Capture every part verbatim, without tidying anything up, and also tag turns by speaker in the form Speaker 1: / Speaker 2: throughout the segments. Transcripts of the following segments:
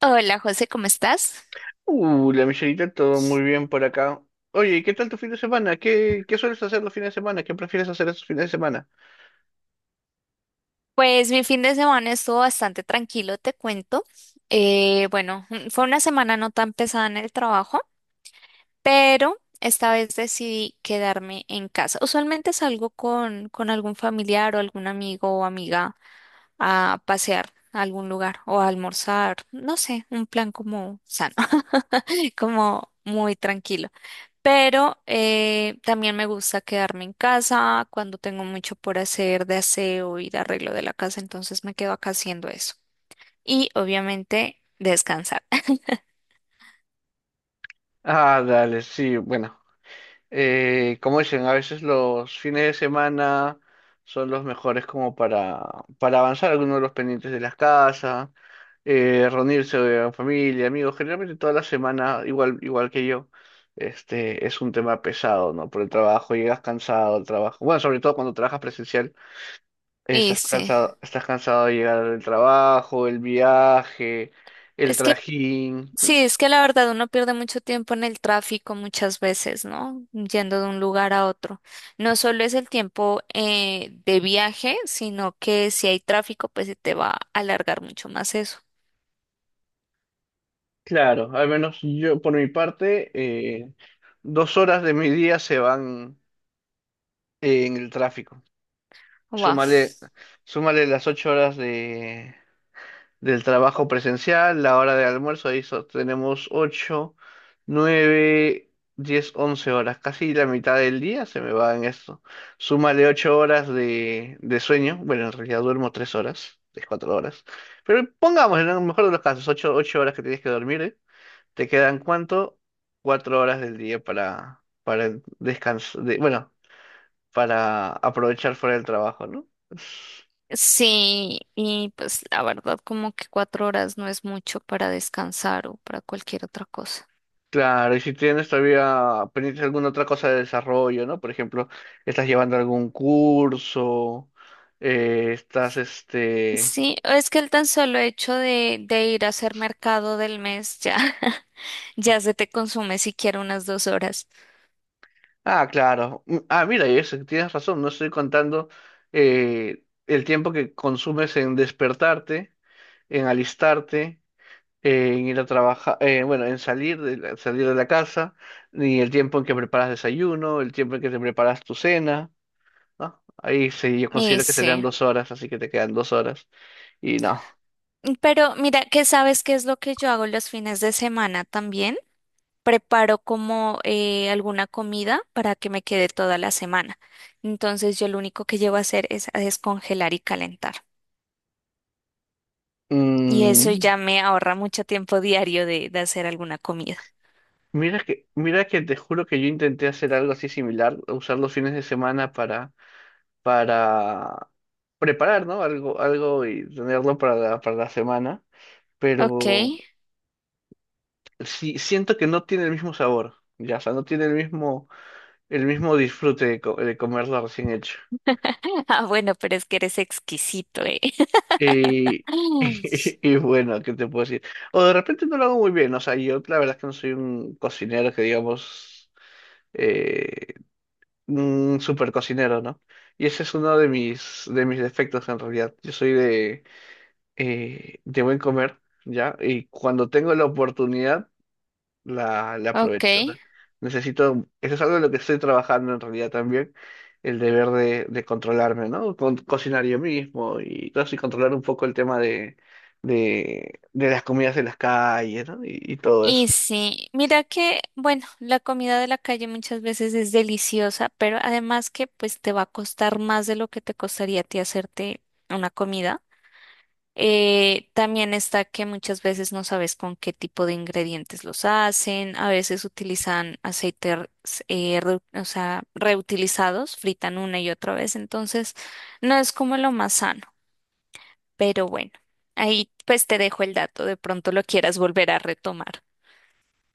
Speaker 1: Hola José, ¿cómo estás?
Speaker 2: Uh, la Michelita, todo muy bien por acá. Oye, ¿y qué tal tu fin de semana? ¿Qué, qué sueles hacer los fines de semana? ¿Qué prefieres hacer esos fines de semana?
Speaker 1: Pues mi fin de semana estuvo bastante tranquilo, te cuento. Eh, bueno, mm, fue una semana no tan pesada en el trabajo, pero esta vez decidí quedarme en casa. Usualmente salgo con, con algún familiar o algún amigo o amiga a pasear a algún lugar o a almorzar, no sé, un plan como sano, como muy tranquilo. Pero eh, también me gusta quedarme en casa cuando tengo mucho por hacer de aseo y de arreglo de la casa, entonces me quedo acá haciendo eso. Y obviamente descansar.
Speaker 2: Ah, dale, sí, bueno. Eh, como dicen, a veces los fines de semana son los mejores como para, para avanzar algunos de los pendientes de las casas, eh, reunirse eh, en familia, amigos. Generalmente toda la semana, igual, igual que yo, este, es un tema pesado, ¿no? Por el trabajo, llegas cansado al trabajo. Bueno, sobre todo cuando trabajas presencial.
Speaker 1: Y
Speaker 2: Estás
Speaker 1: sí,
Speaker 2: cansado, estás cansado de llegar del trabajo, el viaje, el
Speaker 1: es que
Speaker 2: trajín.
Speaker 1: sí, es que la verdad uno pierde mucho tiempo en el tráfico muchas veces, ¿no? Yendo de un lugar a otro. No solo es el tiempo eh, de viaje, sino que si hay tráfico, pues se te va a alargar mucho más eso.
Speaker 2: Claro, al menos yo por mi parte, eh, dos horas de mi día se van eh, en el tráfico.
Speaker 1: Wow.
Speaker 2: Súmale, súmale las ocho horas de, del trabajo presencial, la hora de almuerzo, ahí so- tenemos ocho nueve diez once horas, casi la mitad del día se me va en esto. Súmale ocho horas de, de sueño, bueno, en realidad duermo tres horas, tres, cuatro horas, pero pongamos en el mejor de los casos, ocho ocho horas que tienes que dormir, ¿eh? ¿Te quedan cuánto? Cuatro horas del día para, para descansar, bueno, para aprovechar fuera del trabajo, ¿no?
Speaker 1: Sí, y pues la verdad como que cuatro horas no es mucho para descansar o para cualquier otra cosa.
Speaker 2: Claro, y si tienes todavía pendiente alguna otra cosa de desarrollo, ¿no? Por ejemplo, estás llevando algún curso, eh, estás este…
Speaker 1: Sí, es que el tan solo hecho de, de ir a hacer mercado del mes ya, ya se te consume siquiera unas dos horas.
Speaker 2: Ah, claro. Mm, Ah, mira, y eso, tienes razón, no estoy contando eh, el tiempo que consumes en despertarte, en alistarte, eh, en ir a trabajar, eh, bueno, en salir de la, salir de la casa, ni el tiempo en que preparas desayuno, el tiempo en que te preparas tu cena, ¿no? Ahí sí, yo
Speaker 1: Y
Speaker 2: considero que serían
Speaker 1: sí,
Speaker 2: dos horas, así que te quedan dos horas. Y no.
Speaker 1: pero mira que sabes qué es lo que yo hago los fines de semana también. Preparo como eh, alguna comida para que me quede toda la semana. Entonces yo lo único que llevo a hacer es a descongelar y calentar. Y eso
Speaker 2: Mm,
Speaker 1: ya me ahorra mucho tiempo diario de, de hacer alguna comida.
Speaker 2: mira que, mira que te juro que yo intenté hacer algo así similar, usar los fines de semana para, para preparar, ¿no? Algo, algo y tenerlo para la, para la semana.
Speaker 1: Ok.
Speaker 2: Pero sí, siento que no tiene el mismo sabor. Ya, o sea, no tiene el mismo, el mismo disfrute de, co- de comerlo recién hecho.
Speaker 1: Ah, bueno, pero es que eres exquisito, ¿eh?
Speaker 2: Y, y bueno, ¿qué te puedo decir? O de repente no lo hago muy bien, o sea, yo la verdad es que no soy un cocinero que digamos, eh, un super cocinero, ¿no? Y ese es uno de mis, de mis defectos en realidad. Yo soy de, eh, de buen comer, ¿ya? Y cuando tengo la oportunidad, la, la aprovecho. O
Speaker 1: Ok.
Speaker 2: sea, necesito, eso es algo de lo que estoy trabajando en realidad también, el deber de, de controlarme, ¿no? Con, cocinar yo mismo y todo eso, y controlar un poco el tema de, de, de las comidas de las calles, ¿no? Y, y todo
Speaker 1: Y
Speaker 2: eso.
Speaker 1: sí, mira que, bueno, la comida de la calle muchas veces es deliciosa, pero además que pues te va a costar más de lo que te costaría a ti hacerte una comida. Eh, también está que muchas veces no sabes con qué tipo de ingredientes los hacen, a veces utilizan aceites eh, reu- o sea, reutilizados, fritan una y otra vez, entonces no es como lo más sano, pero bueno, ahí pues te dejo el dato, de pronto lo quieras volver a retomar.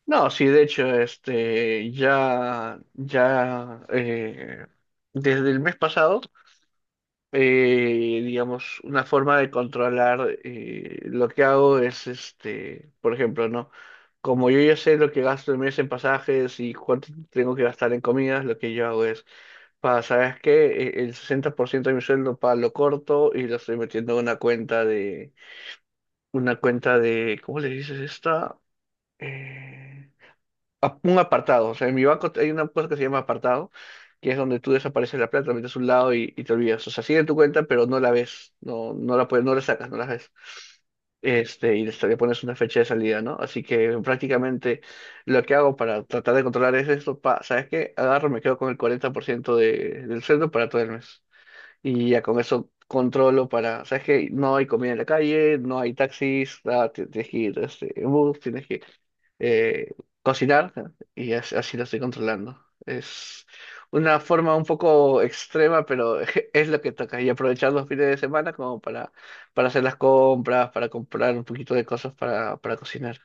Speaker 2: No, sí, de hecho, este, ya, ya, eh, desde el mes pasado, eh, digamos, una forma de controlar eh, lo que hago es, este, por ejemplo, ¿no? Como yo ya sé lo que gasto el mes en pasajes y cuánto tengo que gastar en comidas, lo que yo hago es, para, ¿sabes qué? E- El sesenta por ciento de mi sueldo para lo corto y lo estoy metiendo en una cuenta de, una cuenta de, ¿cómo le dices esta? Eh, ap- un apartado. O sea, en mi banco hay una cosa que se llama apartado, que es donde tú desapareces la plata, la metes a un lado y, y te olvidas. O sea, sigue en tu cuenta, pero no la ves. No, no la puedes, no la sacas, no la ves. Este, y le le pones una fecha de salida, ¿no? Así que prácticamente lo que hago para tratar de controlar es esto, pa, ¿sabes qué? Agarro, me quedo con el cuarenta por ciento de, del sueldo para todo el mes. Y ya con eso controlo para, ¿sabes qué? No hay comida en la calle, no hay taxis, ah, ti- tienes que ir este, en bus, tienes que eh, cocinar y as- así lo estoy controlando. Es una forma un poco extrema, pero es lo que toca. Y aprovechar los fines de semana como para, para hacer las compras, para comprar un poquito de cosas para, para cocinar.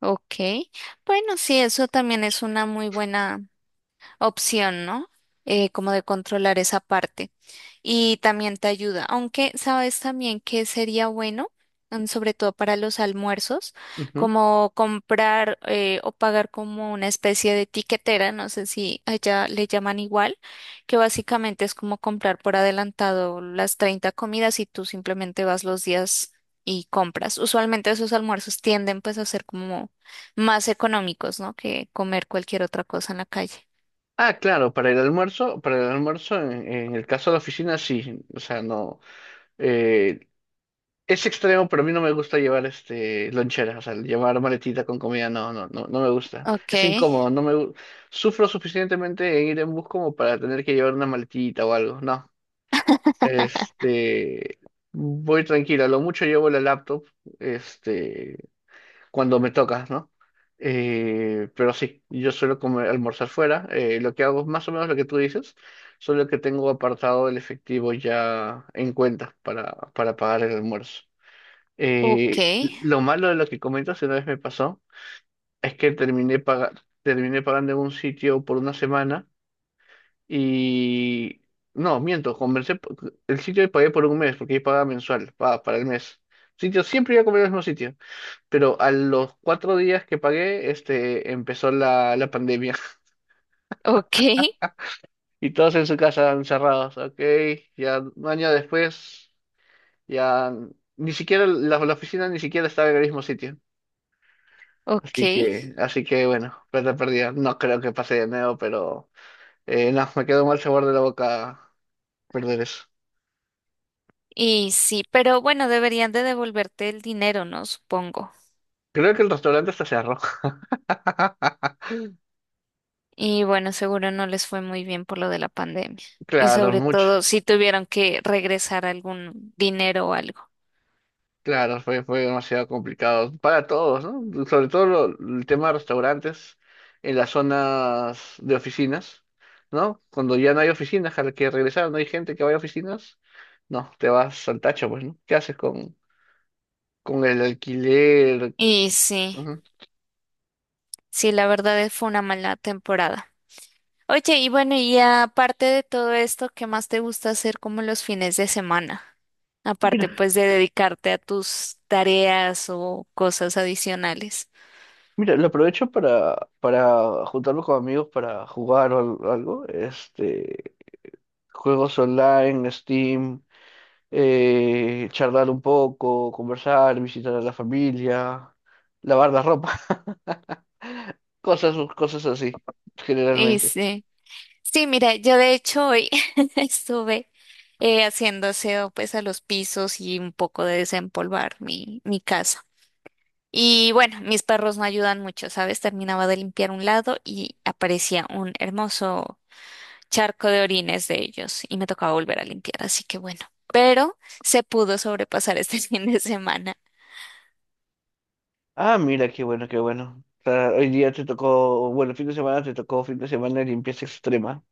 Speaker 1: Ok, bueno, sí, eso también es una muy buena opción, ¿no? Eh, como de controlar esa parte. Y también te ayuda. Aunque sabes también que sería bueno, mm, sobre todo para los almuerzos,
Speaker 2: Ujú.
Speaker 1: como comprar eh, o pagar como una especie de tiquetera, no sé si allá le llaman igual, que básicamente es como comprar por adelantado las treinta comidas y tú simplemente vas los días y compras. Usualmente esos almuerzos tienden pues a ser como más económicos, ¿no? Que comer cualquier otra cosa en la calle.
Speaker 2: Ah, claro, para el almuerzo, para el almuerzo en, en el caso de la oficina sí, o sea, no, eh, es extremo, pero a mí no me gusta llevar este lonchera, o sea, llevar maletita con comida, no, no, no, no me gusta.
Speaker 1: Ok,
Speaker 2: Es incómodo, no me gu- sufro suficientemente en ir en bus como para tener que llevar una maletita o algo. No. Este, voy tranquila, lo mucho llevo la laptop, este, cuando me toca, ¿no? Eh, pero sí, yo suelo comer, almorzar fuera. Eh, lo que hago es más o menos lo que tú dices, solo que tengo apartado el efectivo ya en cuenta para, para pagar el almuerzo.
Speaker 1: ok,
Speaker 2: Eh, lo malo de lo que comentas, una vez me pasó, es que terminé paga- terminé pagando en un sitio por una semana y… No, miento, conversé, po- el sitio que pagué por un mes, porque ahí pagaba mensual, pa- para el mes. Sitio, siempre iba a comer al mismo sitio, pero a los cuatro días que pagué, este, empezó la, la pandemia
Speaker 1: ok,
Speaker 2: y todos en su casa encerrados, ok, ya un año después, ya ni siquiera la, la oficina ni siquiera estaba en el mismo sitio. Así
Speaker 1: ok.
Speaker 2: que, así que bueno, plata perdida. No creo que pase de nuevo, pero eh, no, me quedó mal sabor de la boca perder eso.
Speaker 1: Y sí, pero bueno, deberían de devolverte el dinero, ¿no? Supongo.
Speaker 2: Creo que el restaurante está cerró.
Speaker 1: Y bueno, seguro no les fue muy bien por lo de la pandemia. Y
Speaker 2: Claro,
Speaker 1: sobre
Speaker 2: mucho.
Speaker 1: todo si tuvieron que regresar algún dinero o algo.
Speaker 2: Claro, fue, fue demasiado complicado para todos, ¿no? Sobre todo lo- el tema de restaurantes en las zonas de oficinas, ¿no? Cuando ya no hay oficinas a las que regresar, no hay gente que vaya a oficinas, no, te vas al tacho, pues, ¿no? ¿Qué haces con, con el alquiler?
Speaker 1: Y sí,
Speaker 2: Ujú.
Speaker 1: sí, la verdad es- fue una mala temporada. Oye, y bueno, y aparte de todo esto, ¿qué más te gusta hacer como los fines de semana? Aparte, pues, de dedicarte a tus tareas o cosas adicionales.
Speaker 2: Mira, lo aprovecho para, para juntarme con amigos para jugar o al- algo. Este, juegos online, Steam, eh, charlar un poco, conversar, visitar a la familia, lavar la ropa. Cosas, cosas así,
Speaker 1: Y
Speaker 2: generalmente.
Speaker 1: sí. Sí, mira, yo de hecho hoy estuve eh, haciendo aseo pues a los pisos y un poco de desempolvar mi, mi casa. Y bueno, mis perros no ayudan mucho, ¿sabes? Terminaba de limpiar un lado y aparecía un hermoso charco de orines de ellos y me tocaba volver a limpiar, así que bueno. Pero se pudo sobrepasar este fin de semana.
Speaker 2: Ah, mira, qué bueno, qué bueno. O sea, hoy día te tocó, bueno, fin de semana te tocó fin de semana de limpieza extrema.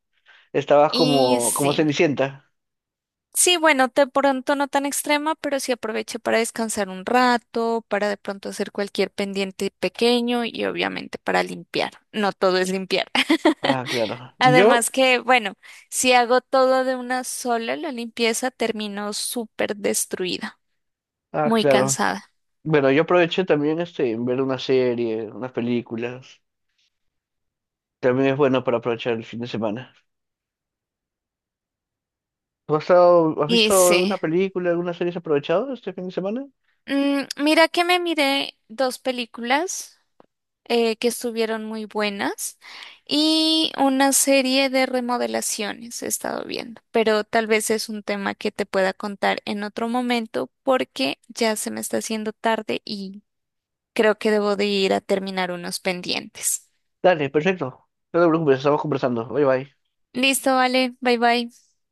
Speaker 2: Estabas
Speaker 1: Y
Speaker 2: como, como
Speaker 1: sí.
Speaker 2: Cenicienta.
Speaker 1: Sí, bueno, de pronto no tan extrema, pero sí aproveché para descansar un rato, para de pronto hacer cualquier pendiente pequeño y obviamente para limpiar. No todo es limpiar.
Speaker 2: Ah, claro. Yo,
Speaker 1: Además que, bueno, si hago todo de una sola, la limpieza termino súper destruida,
Speaker 2: ah,
Speaker 1: muy
Speaker 2: claro.
Speaker 1: cansada.
Speaker 2: Bueno, yo aproveché también este, en ver una serie, unas películas. También es bueno para aprovechar el fin de semana. ¿Tú has estado- has
Speaker 1: Y
Speaker 2: visto
Speaker 1: sí,
Speaker 2: alguna película, alguna serie has aprovechado este fin de semana?
Speaker 1: Mm, mira que me miré dos películas. eh, que estuvieron muy buenas y una serie de remodelaciones he estado viendo, pero tal vez es un tema que te pueda contar en otro momento porque ya se me está haciendo tarde y creo que debo de ir a terminar unos pendientes.
Speaker 2: Dale, perfecto. No te preocupes, estamos conversando. Bye bye.
Speaker 1: Listo, vale, bye bye.